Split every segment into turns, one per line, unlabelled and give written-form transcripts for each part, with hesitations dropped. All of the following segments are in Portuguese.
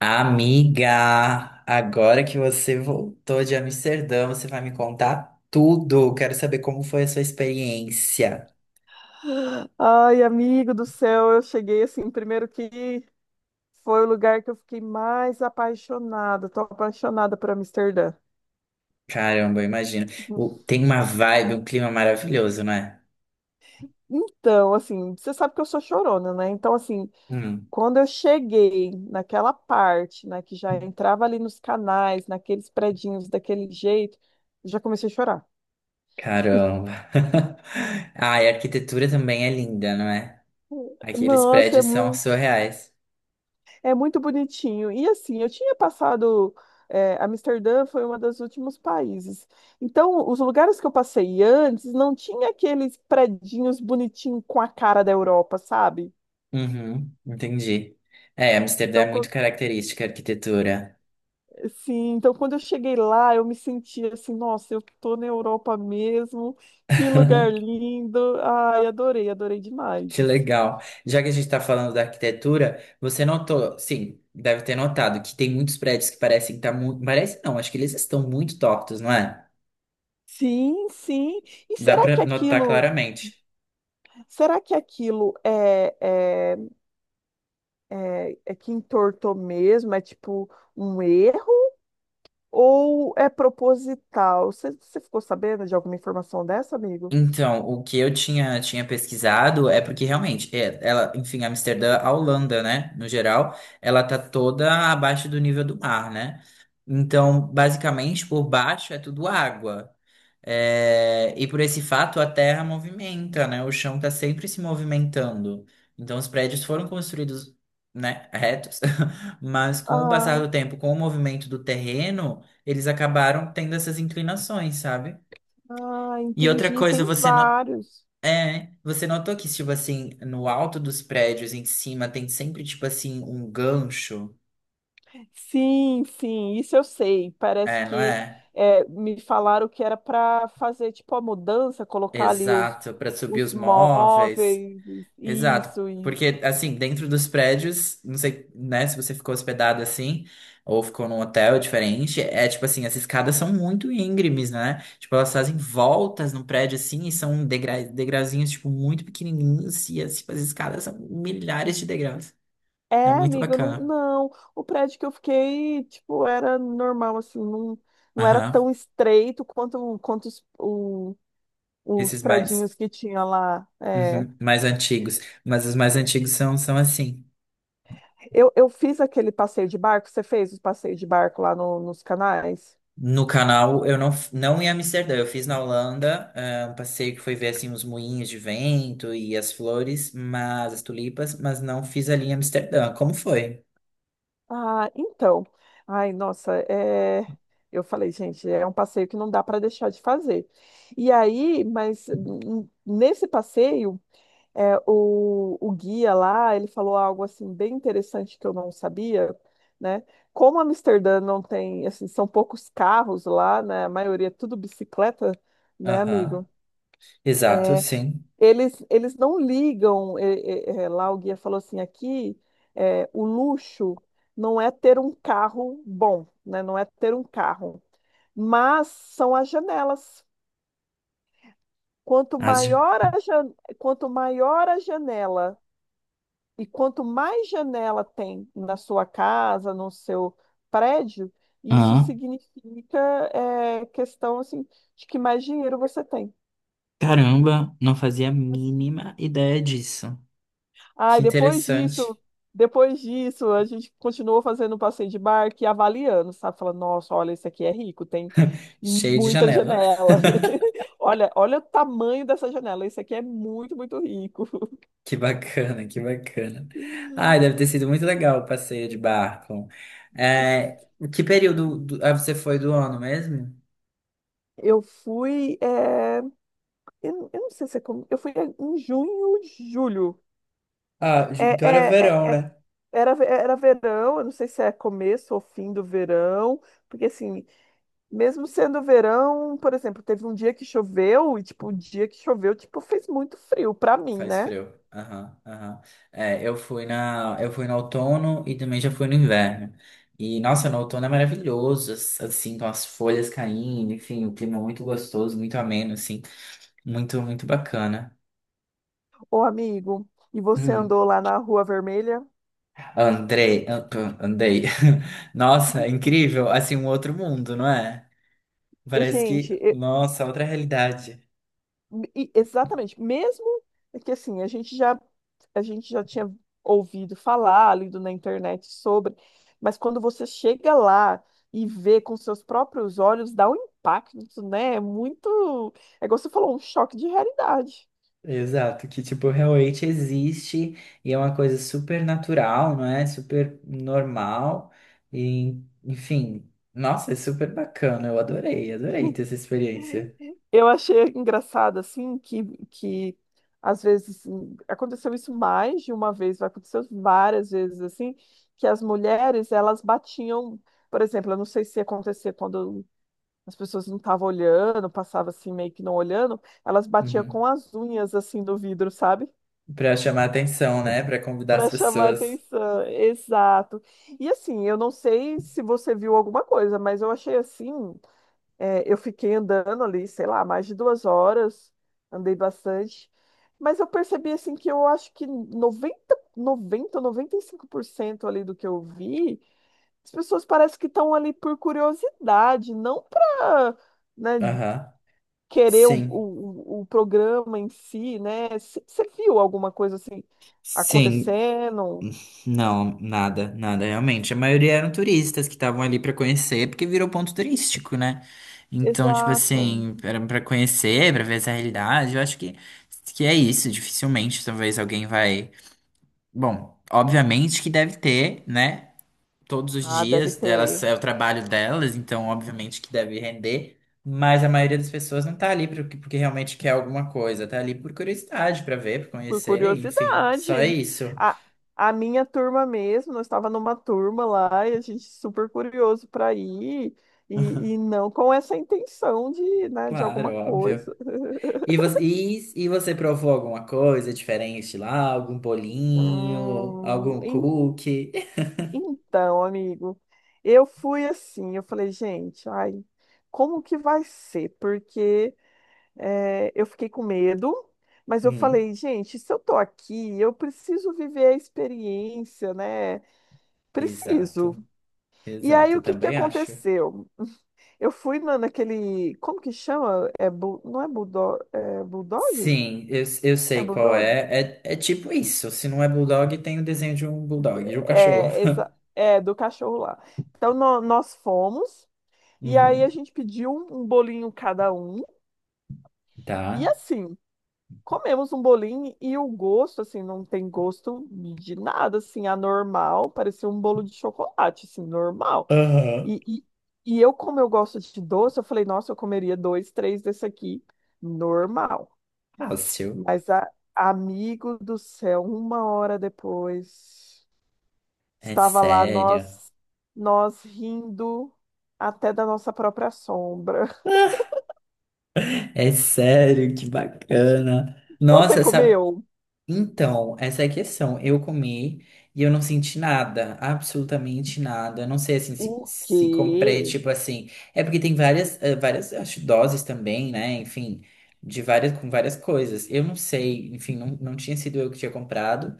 Amiga, agora que você voltou de Amsterdã, você vai me contar tudo. Quero saber como foi a sua experiência.
Ai, amigo do céu, eu cheguei assim, primeiro que foi o lugar que eu fiquei mais apaixonada, tô apaixonada por Amsterdã.
Caramba, eu imagino. Tem uma vibe, um clima maravilhoso, não é?
Então, assim, você sabe que eu sou chorona, né? Então, assim,
Hum,
quando eu cheguei naquela parte, né, que já entrava ali nos canais, naqueles predinhos daquele jeito, eu já comecei a chorar.
caramba. Ah, e a arquitetura também é linda, não é? Aqueles
Nossa, é
prédios são
mu-
surreais.
É muito bonitinho. E assim, eu tinha passado. Amsterdã foi um dos últimos países. Então, os lugares que eu passei antes não tinha aqueles predinhos bonitinhos com a cara da Europa, sabe?
Uhum, entendi. É, Amsterdã
Então,
é muito característica a arquitetura.
sim, então quando eu cheguei lá, eu me senti assim, nossa, eu tô na Europa mesmo. Que lugar lindo. Ai, adorei, adorei demais.
Que legal. Já que a gente está falando da arquitetura, você notou, sim, deve ter notado que tem muitos prédios que parecem estar muito. Parece não, acho que eles estão muito tortos, não é?
Sim, sim. E
Dá
será que
para notar
aquilo,
claramente.
será que aquilo é é que entortou mesmo, é tipo um erro ou é proposital? Você ficou sabendo de alguma informação dessa, amigo?
Então, o que eu tinha pesquisado é porque realmente, é, ela, enfim, Amsterdã, a Holanda, né, no geral, ela tá toda abaixo do nível do mar, né? Então, basicamente, por baixo é tudo água. É, e por esse fato, a terra movimenta, né? O chão tá sempre se movimentando. Então, os prédios foram construídos, né, retos, mas com o passar
Ah,
do tempo, com o movimento do terreno, eles acabaram tendo essas inclinações, sabe?
ah,
E outra
entendi.
coisa,
Tem
você no-
vários.
você notou que, tipo assim, no alto dos prédios em cima tem sempre, tipo assim, um gancho,
Sim, sim, isso eu sei. Parece
é, não
que
é?
é, me falaram que era para fazer tipo a mudança, colocar ali os,
Exato, para subir
os
os móveis.
móveis,
Exato,
isso.
porque, assim, dentro dos prédios, não sei, né, se você ficou hospedado assim, ou ficou num hotel diferente, é tipo assim, as escadas são muito íngremes, né? Tipo, elas fazem voltas no prédio assim, e são degrauzinhos, tipo, muito pequenininhos, e as escadas são milhares de degraus. É
É,
muito
amiga, eu não,
bacana.
não. O prédio que eu fiquei, tipo, era normal, assim, não, não era
Aham.
tão estreito quanto, os
Esses mais,
predinhos que tinha lá. É.
uhum, mais antigos. Mas os mais antigos são, são assim.
Eu fiz aquele passeio de barco, você fez o passeio de barco lá nos canais?
No canal, eu não, não em Amsterdã, eu fiz na Holanda, um passeio que foi ver assim os moinhos de vento e as flores, mas as tulipas, mas não fiz ali em Amsterdã. Como foi?
Ah, então. Ai, nossa, eu falei, gente, é um passeio que não dá para deixar de fazer. E aí, mas nesse passeio. É, o guia lá, ele falou algo assim bem interessante que eu não sabia, né? Como Amsterdã não tem, assim, são poucos carros lá, né? A maioria é tudo bicicleta, né,
Aham.
amigo?
Exato, sim.
Eles não ligam, lá o guia falou assim, aqui o luxo não é ter um carro bom, né? Não é ter um carro, mas são as janelas. Quanto
Haja.
maior a, jan- quanto maior a janela. E quanto mais janela tem na sua casa, no seu prédio, isso
Ah,
significa, questão assim, de que mais dinheiro você tem.
caramba, não fazia a mínima ideia disso.
Aí
Que
depois
interessante.
disso, a gente continuou fazendo um passeio de barco e avaliando, sabe? Falando, nossa, olha, esse aqui é rico, tem
Cheio de
muita
janela.
janela. Olha, olha o tamanho dessa janela, esse aqui é muito, muito rico.
Que bacana, que bacana. Ai, deve ter sido muito legal o passeio de barco. É, ah, você foi do ano mesmo?
Eu fui. Eu não sei se é como. Eu fui em junho, julho.
Ah, então era
É, é, é,
verão,
é-
né?
era verão, eu não sei se é começo ou fim do verão, porque assim, mesmo sendo verão, por exemplo, teve um dia que choveu e, tipo, o dia que choveu, tipo, fez muito frio pra mim,
Faz
né?
frio. Aham, aham. É, eu fui no outono e também já fui no inverno. E, nossa, no outono é maravilhoso, assim, com as folhas caindo, enfim, o clima muito gostoso, muito ameno, assim, muito bacana.
Ô, amigo, e você
Hum.
andou lá na Rua Vermelha?
Andrei, andei. Nossa, incrível, assim, um outro mundo, não é?
E,
Parece que,
gente,
nossa, outra realidade.
Exatamente. Mesmo que assim, a gente já tinha ouvido falar, lido na internet sobre, mas quando você chega lá e vê com seus próprios olhos, dá um impacto, né? É como você falou, um choque de realidade.
Exato, que tipo, realmente existe e é uma coisa super natural, não é? Super normal e, enfim, nossa, é super bacana. Eu adorei, adorei ter essa experiência.
Eu achei engraçado assim que às vezes assim, aconteceu isso mais de uma vez, aconteceu várias vezes assim, que as mulheres elas batiam, por exemplo, eu não sei se acontecia quando as pessoas não estavam olhando, passava assim meio que não olhando, elas batiam com
Uhum.
as unhas assim do vidro, sabe?
Pra chamar atenção, né? Pra convidar as
Para chamar
pessoas.
atenção. Exato. E assim, eu não sei se você viu alguma coisa, mas eu achei assim, é, eu fiquei andando ali, sei lá, mais de 2 horas, andei bastante, mas eu percebi assim que eu acho que 95% ali do que eu vi, as pessoas parecem que estão ali por curiosidade, não para
Aham.
querer o,
Sim.
o, o programa em si, né? Você viu alguma coisa assim
Sim.
acontecendo?
Não, nada, nada, realmente. A maioria eram turistas que estavam ali pra conhecer, porque virou ponto turístico, né? Então, tipo
Exato.
assim, era pra conhecer, pra ver essa realidade. Que é isso. Dificilmente, talvez alguém vai. Bom, obviamente que deve ter, né? Todos os
Ah, deve
dias delas
ter.
é o trabalho delas, então obviamente que deve render. Mas a maioria das pessoas não tá ali porque realmente quer alguma coisa, tá ali por curiosidade, pra ver, pra
Por
conhecer, enfim.
curiosidade.
Só isso.
A, a minha turma mesmo, nós estava numa turma lá e a gente super curioso para ir. E não com essa intenção de, né, de alguma
Claro, óbvio.
coisa.
E você provou alguma coisa diferente lá? Algum bolinho?
Hum,
Algum cookie?
Então, amigo, eu fui assim, eu falei, gente, ai, como que vai ser? Porque eu fiquei com medo, mas eu
Hum,
falei, gente, se eu tô aqui, eu preciso viver a experiência, né? Preciso.
exato,
E aí,
exato,
o
eu
que que
também acho.
aconteceu? Eu fui na, naquele, como que chama? É, não é bulldog? É bulldog?
Sim, eu
É
sei qual
bulldog?
é. É, é tipo isso. Se não é bulldog, tem o desenho de um bulldog, de um cachorro.
É, essa, é do cachorro lá. Então, nós fomos. E aí a
Uhum.
gente pediu um bolinho cada um. E
Tá?
assim, comemos um bolinho e o gosto, assim, não tem gosto de nada, assim, anormal. Parecia um bolo de chocolate, assim, normal.
Aham.
E, e, e eu, como eu gosto de doce, eu falei, nossa, eu comeria dois, três desse aqui, normal.
Fácil.
Mas, amigo do céu, uma hora depois,
É
estava lá
sério.
nós, rindo até da nossa própria sombra.
É sério, que bacana.
Você
Nossa, sabe?
comeu?
Então, essa é a questão. Eu comi e eu não senti nada, absolutamente nada. Eu não sei assim
O
se comprei,
quê?
tipo assim. É porque tem várias, várias acho, doses também, né? Enfim, de várias, com várias coisas. Eu não sei, enfim, não, não tinha sido eu que tinha comprado.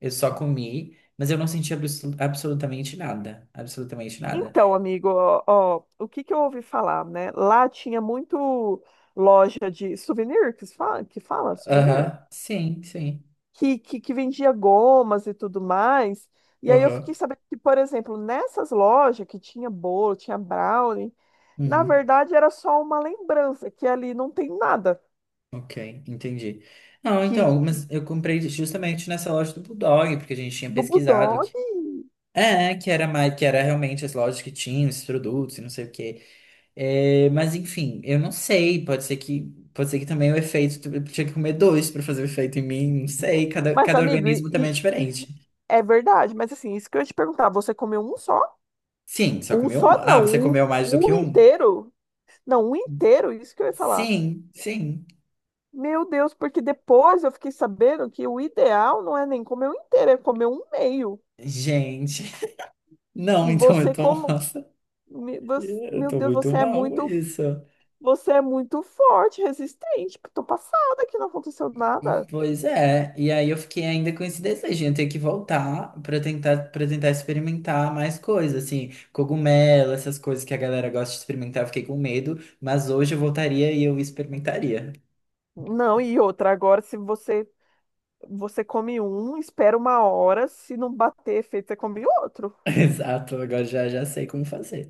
Eu só comi, mas eu não senti absolutamente nada. Absolutamente nada.
Então, amigo, ó, o que que eu ouvi falar, né? Lá tinha muito loja de souvenir, que se fala, que fala souvenir,
Aham, sim, sim.
que, que vendia gomas e tudo mais. E aí eu fiquei
Aham.
sabendo que, por exemplo, nessas lojas que tinha bolo, tinha brownie, na
Uhum.
verdade era só uma lembrança, que ali não tem nada.
Ok, entendi. Não,
Que,
então,
que
mas eu comprei justamente nessa loja do Bulldog, porque a gente tinha
do
pesquisado
Bulldog.
que é, que era mais, que era realmente as lojas que tinham esses produtos e não sei o quê. É, mas enfim, eu não sei, pode ser que também o efeito eu tinha que comer dois para fazer o efeito em mim, não sei,
Mas,
cada
amigo,
organismo também é diferente.
é verdade. Mas assim, isso que eu ia te perguntar, você comeu um só?
Sim, só
Um
comeu um.
só
Ah,
não,
você
um,
comeu mais do que
um
um?
inteiro. Não, um inteiro, isso que eu ia falar.
Sim, sim.
Meu Deus, porque depois eu fiquei sabendo que o ideal não é nem comer um inteiro, é comer um meio.
Gente, não,
E
então eu
você
tô,
como,
nossa, eu
meu
tô
Deus,
muito mal com isso.
você é muito forte, resistente. Tô passada que não aconteceu nada.
Pois é, e aí eu fiquei ainda com esse desejo, de eu ter que voltar para tentar experimentar mais coisas, assim, cogumelo, essas coisas que a galera gosta de experimentar, eu fiquei com medo, mas hoje eu voltaria e eu experimentaria.
Não, e outra, agora se você come um, espera uma hora, se não bater efeito, você come outro.
Exato, agora já sei como fazer.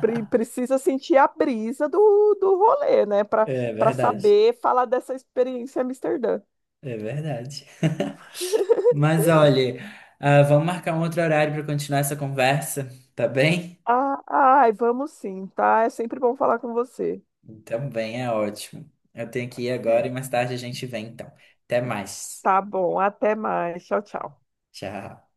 Precisa sentir a brisa do rolê, né? Para
É
para
verdade,
saber falar dessa experiência em Amsterdã.
é verdade. Mas olha, ah, vamos marcar um outro horário para continuar essa conversa, tá bem?
Ah, ai, vamos sim, tá? É sempre bom falar com você.
Então, bem, é ótimo. Eu tenho que ir agora e mais tarde a gente vem, então. Até mais.
Tá bom, até mais. Tchau, tchau.
Tchau.